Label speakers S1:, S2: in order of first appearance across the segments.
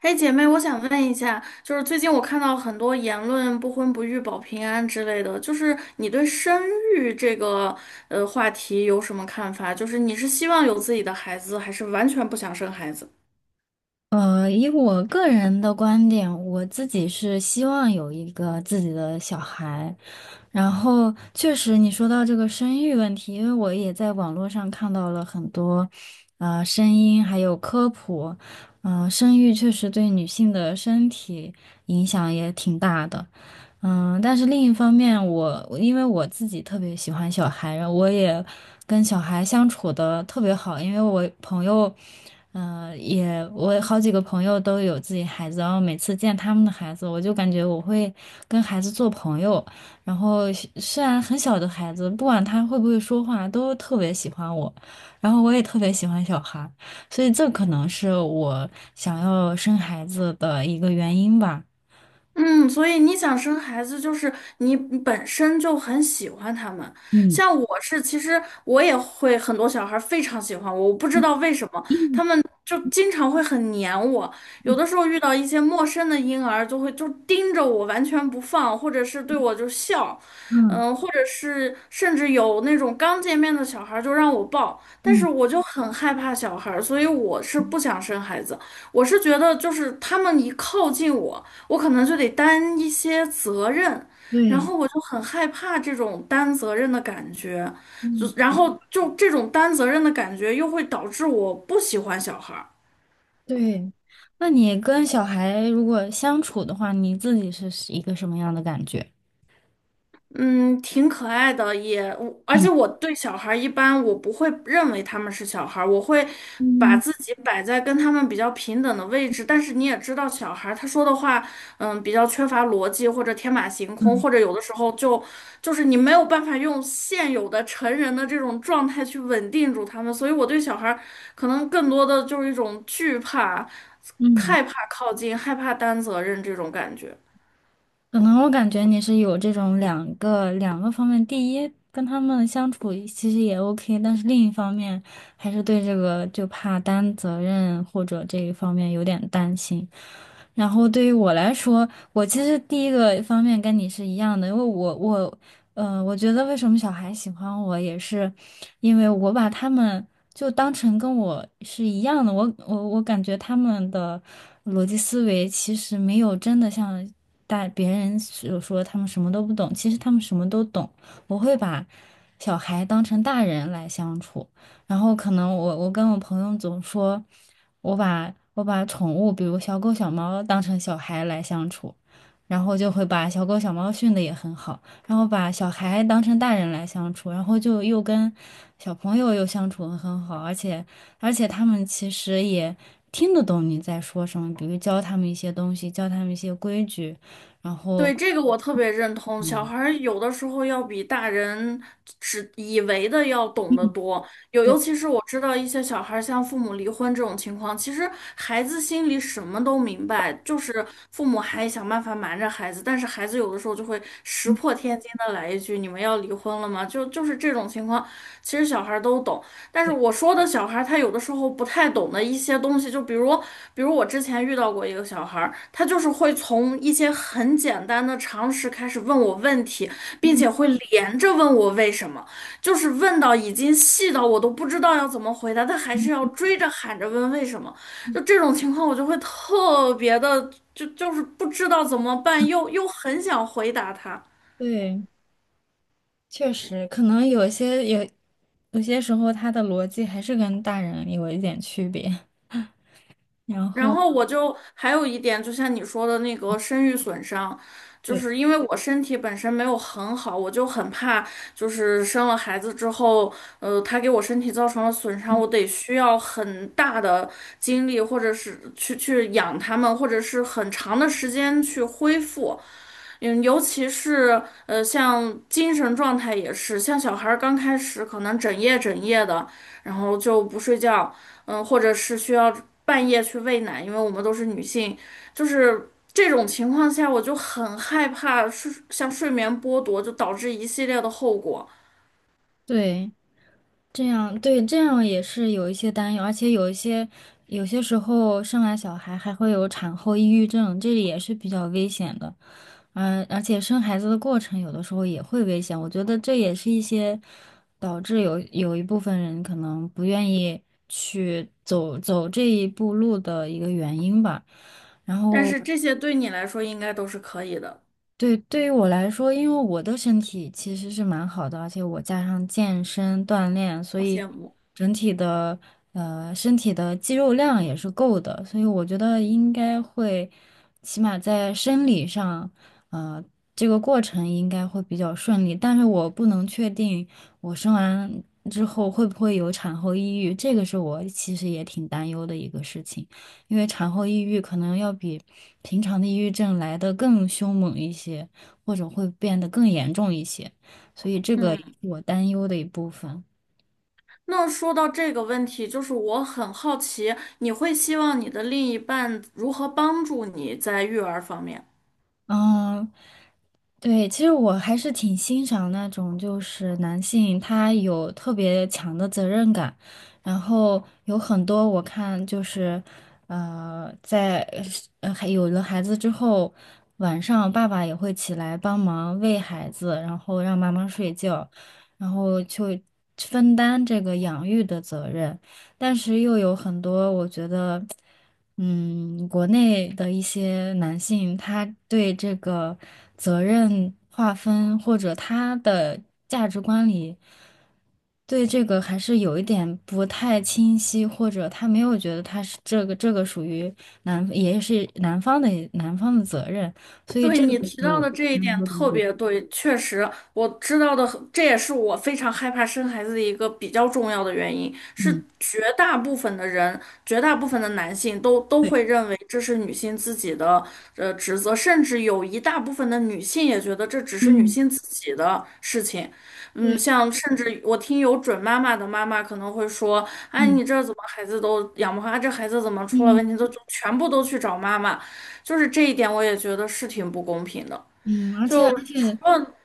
S1: 哎，姐妹，我想问一下，就是最近我看到很多言论“不婚不育保平安”之类的，就是你对生育这个话题有什么看法？就是你是希望有自己的孩子，还是完全不想生孩子？
S2: 以我个人的观点，我自己是希望有一个自己的小孩，然后确实，你说到这个生育问题，因为我也在网络上看到了很多，声音还有科普。生育确实对女性的身体影响也挺大的。嗯，但是另一方面我因为我自己特别喜欢小孩，然后我也跟小孩相处的特别好，因为我朋友。也我好几个朋友都有自己孩子，然后每次见他们的孩子，我就感觉我会跟孩子做朋友，然后虽然很小的孩子，不管他会不会说话，都特别喜欢我，然后我也特别喜欢小孩，所以这可能是我想要生孩子的一个原因吧。
S1: 嗯，所以你想生孩子，就是你本身就很喜欢他们。
S2: 嗯
S1: 像我是，其实我也会很多小孩儿非常喜欢我，我不知
S2: 嗯
S1: 道为什么，他
S2: 嗯
S1: 们就经常会很黏我。有的时候遇到一些陌生的婴儿，就会就盯着我完全不放，或者是对我就笑，嗯，或者是甚至有那种刚见面的小孩儿就让我抱，但是
S2: 嗯，
S1: 我就很害怕小孩儿，所以我是不想生孩子。我是觉得就是他们一靠近我。我可能就得担一些责任，然
S2: 对，
S1: 后我就很害怕这种担责任的感觉，就
S2: 嗯，
S1: 然后就这种担责任的感觉又会导致我不喜欢小孩儿。
S2: 对。那你跟小孩如果相处的话，你自己是一个什么样的感觉？
S1: 嗯，挺可爱的，也，而且我
S2: 嗯
S1: 对小孩儿一般我不会认为他们是小孩儿，我会把
S2: 嗯
S1: 自己摆在跟他们比较平等的位置。但是你也知道，小孩儿他说的话，嗯，比较缺乏逻辑或者天马行空，
S2: 嗯
S1: 或者有的时候就你没有办法用现有的成人的这种状态去稳定住他们，所以我对小孩儿可能更多的就是一种惧怕、
S2: 嗯。
S1: 害怕靠近、害怕担责任这种感觉。
S2: 可能我感觉你是有这种两个方面，第一，跟他们相处其实也 OK，但是另一方面还是对这个就怕担责任或者这一方面有点担心。然后对于我来说，我其实第一个方面跟你是一样的，因为我我觉得为什么小孩喜欢我也是因为我把他们。就当成跟我是一样的。我感觉他们的逻辑思维其实没有真的像大别人所说他们什么都不懂，其实他们什么都懂。我会把小孩当成大人来相处，然后可能我跟我朋友总说，我把宠物，比如小狗小猫当成小孩来相处，然后就会把小狗小猫训得也很好。然后把小孩当成大人来相处，然后就又跟小朋友又相处的很好，而且他们其实也听得懂你在说什么，比如教他们一些东西，教他们一些规矩，然后
S1: 对，这个我特别认同，小孩儿有的时候要比大人只以为的要懂得
S2: 嗯，
S1: 多。有，
S2: 对
S1: 尤其是我知道一些小孩儿像父母离婚这种情况，其实孩子心里什么都明白，就是父母还想办法瞒着孩子，但是孩子有的时候就会石破天惊的来一句：“你们要离婚了吗？”就是这种情况，其实小孩儿都懂。但是
S2: 对
S1: 我说的小孩儿他有的时候不太懂的一些东西，就比如，比如我之前遇到过一个小孩儿，他就是会从一些很简单的常识开始问我问题，并且会连着问我为什么，就是问到已经细到我都不知道要怎么回答，他还是要
S2: 嗯
S1: 追着喊着问为什么。就这种情况，我就会特别的，就是不知道怎么办，又很想回答他。
S2: 对，确实可能有些时候他的逻辑还是跟大人有一点区别，然
S1: 然
S2: 后
S1: 后我就还有一点，就像你说的那个生育损伤，就
S2: 对
S1: 是因为我身体本身没有很好，我就很怕，就是生了孩子之后，他给我身体造成了损伤，我得需要很大的精力，或者是去养他们，或者是很长的时间去恢复。嗯，尤其是像精神状态也是，像小孩儿刚开始可能整夜整夜的，然后就不睡觉，嗯，或者是需要半夜去喂奶，因为我们都是女性，就是这种情况下，我就很害怕睡，像睡眠剥夺，就导致一系列的后果。
S2: 对。这样，对，这样也是有一些担忧，而且有些时候生完小孩还会有产后抑郁症，这里也是比较危险的。嗯，而且生孩子的过程有的时候也会危险，我觉得这也是一些导致有一部分人可能不愿意去走这一步路的一个原因吧。然
S1: 但
S2: 后
S1: 是这些对你来说应该都是可以的，
S2: 对，对于我来说，因为我的身体其实是蛮好的，而且我加上健身锻炼，所
S1: 好
S2: 以
S1: 羡慕。
S2: 整体的身体的肌肉量也是够的，所以我觉得应该会，起码在生理上，呃，这个过程应该会比较顺利。但是我不能确定我生完之后会不会有产后抑郁，这个是我其实也挺担忧的一个事情。因为产后抑郁可能要比平常的抑郁症来的更凶猛一些，或者会变得更严重一些，所以这个
S1: 嗯。
S2: 也是我担忧的一部分。
S1: 那说到这个问题，就是我很好奇，你会希望你的另一半如何帮助你在育儿方面？
S2: 嗯，对，其实我还是挺欣赏那种，就是男性他有特别强的责任感，然后有很多我看就是，在还有了孩子之后，晚上爸爸也会起来帮忙喂孩子，然后让妈妈睡觉，然后就分担这个养育的责任。但是又有很多，我觉得，嗯，国内的一些男性，他对这个责任划分或者他的价值观里，对这个还是有一点不太清晰，或者他没有觉得他是这个属于男，也是男方的责任，所以
S1: 对
S2: 这个
S1: 你提
S2: 是
S1: 到
S2: 我
S1: 的这一
S2: 难
S1: 点
S2: 说的一
S1: 特
S2: 点。
S1: 别对，确实我知道的很这也是我非常害怕生孩子的一个比较重要的原因，
S2: 嗯，
S1: 是绝大部分的人，绝大部分的男性都
S2: 对，
S1: 会认为这是女性自己的职责，甚至有一大部分的女性也觉得这只是女
S2: 嗯，
S1: 性自己的事情。嗯，
S2: 对，
S1: 像甚至我听有准妈妈的妈妈可能会说，哎，
S2: 嗯
S1: 你这怎么孩子都养不好啊这孩子怎么出了
S2: 嗯
S1: 问题都就全部都去找妈妈。就是这一点，我也觉得是挺不公平的。
S2: 嗯，而且而
S1: 就除
S2: 且。
S1: 了，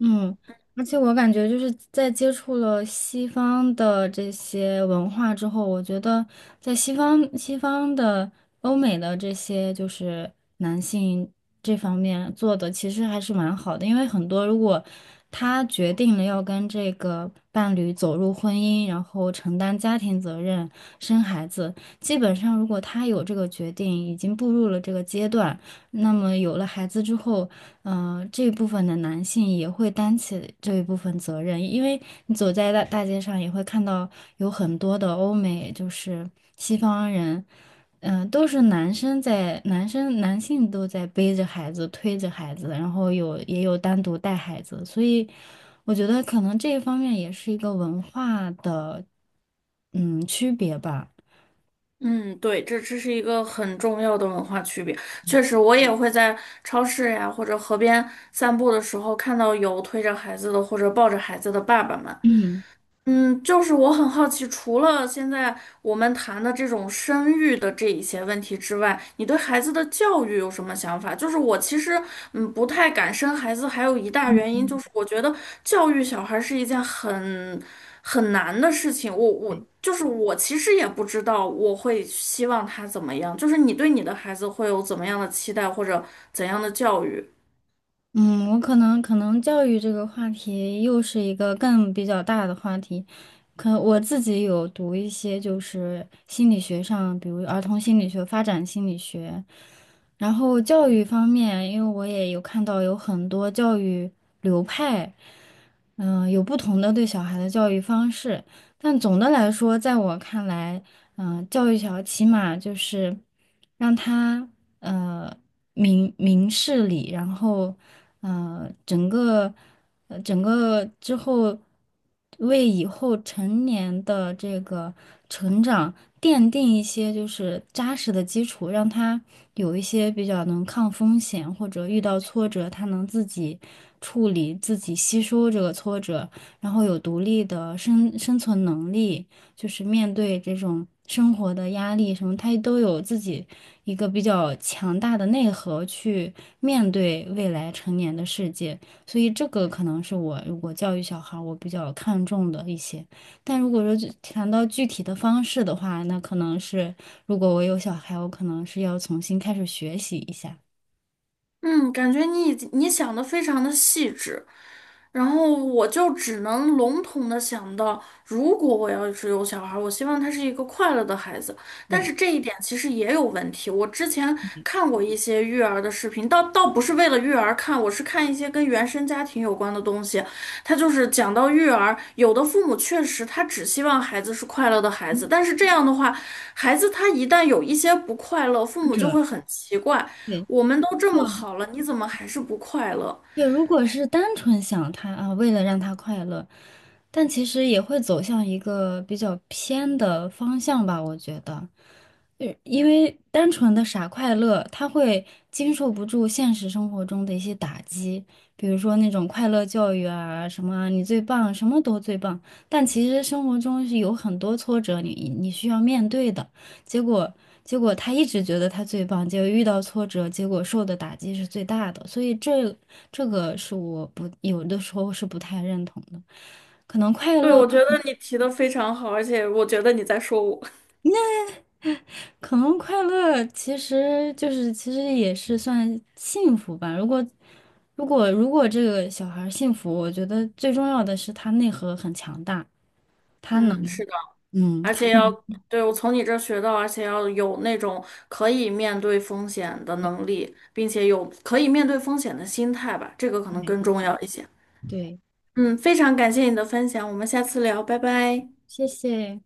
S2: 嗯，而且我感觉就是在接触了西方的这些文化之后，我觉得在西方的欧美的这些就是男性这方面做的其实还是蛮好的，因为很多如果他决定了要跟这个伴侣走入婚姻，然后承担家庭责任、生孩子，基本上如果他有这个决定，已经步入了这个阶段。那么有了孩子之后，这一部分的男性也会担起这一部分责任，因为你走在大大街上也会看到有很多的欧美，就是西方人，都是男生在，男生男性都在背着孩子、推着孩子，然后有也有单独带孩子，所以我觉得可能这一方面也是一个文化的，嗯，区别吧。
S1: 嗯，对，这这是一个很重要的文化区别。确实，我也会在超市呀或者河边散步的时候，看到有推着孩子的或者抱着孩子的爸爸们，
S2: 嗯。
S1: 嗯，就是我很好奇，除了现在我们谈的这种生育的这一些问题之外，你对孩子的教育有什么想法？就是我其实不太敢生孩子，还有一大原因就是我觉得教育小孩是一件很难的事情。我就是我其实也不知道我会希望他怎么样，就是你对你的孩子会有怎么样的期待或者怎样的教育？
S2: 嗯，我可能教育这个话题又是一个更比较大的话题，可我自己有读一些就是心理学上，比如儿童心理学、发展心理学，然后教育方面，因为我也有看到有很多教育流派，有不同的对小孩的教育方式，但总的来说，在我看来。教育小起码就是让他呃明明事理，然后呃整个整个之后为以后成年的这个成长奠定一些就是扎实的基础，让他有一些比较能抗风险或者遇到挫折，他能自己处理、自己吸收这个挫折，然后有独立的生存能力。就是面对这种生活的压力什么，他都有自己一个比较强大的内核去面对未来成年的世界。所以这个可能是我如果教育小孩儿我比较看重的一些。但如果说具谈到具体的方式的话，那可能是如果我有小孩，我可能是要重新开始学习一下，
S1: 嗯，感觉你已经你想的非常的细致，然后我就只能笼统的想到，如果我要是有小孩儿，我希望他是一个快乐的孩子。但
S2: 对，
S1: 是这一点其实也有问题。我之前看过一些育儿的视频，倒不是为了育儿看，我是看一些跟原生家庭有关的东西。他就是讲到育儿，有的父母确实他只希望孩子是快乐的孩子，但是这样的话，孩子他一旦有一些不快乐，父
S2: 或
S1: 母就
S2: 者
S1: 会很奇怪，
S2: 对。
S1: 我们都这么好了，你怎么还是不快乐？
S2: 对，如果是单纯想他啊，为了让他快乐，但其实也会走向一个比较偏的方向吧，我觉得，因为单纯的傻快乐，他会经受不住现实生活中的一些打击，比如说那种快乐教育啊，什么啊你最棒，什么都最棒，但其实生活中是有很多挫折你需要面对的。结果结果他一直觉得他最棒，结果遇到挫折，结果受的打击是最大的，所以这个是我不有的时候是不太认同的。可能快
S1: 对，
S2: 乐，
S1: 我觉得你提的非常好，而且我觉得你在说我。
S2: 可能快乐其实就是其实也是算幸福吧。如果这个小孩儿幸福，我觉得最重要的是他内核很强大，他能
S1: 嗯，是的，
S2: 嗯，
S1: 而
S2: 他
S1: 且要，对，我从你这儿学到，而且要有那种可以面对风险的能
S2: 对
S1: 力，并且有可以面对风险的心态吧，这个可能
S2: 对
S1: 更重要一些。
S2: 对，
S1: 嗯，非常感谢你的分享，我们下次聊，拜拜。
S2: 谢谢。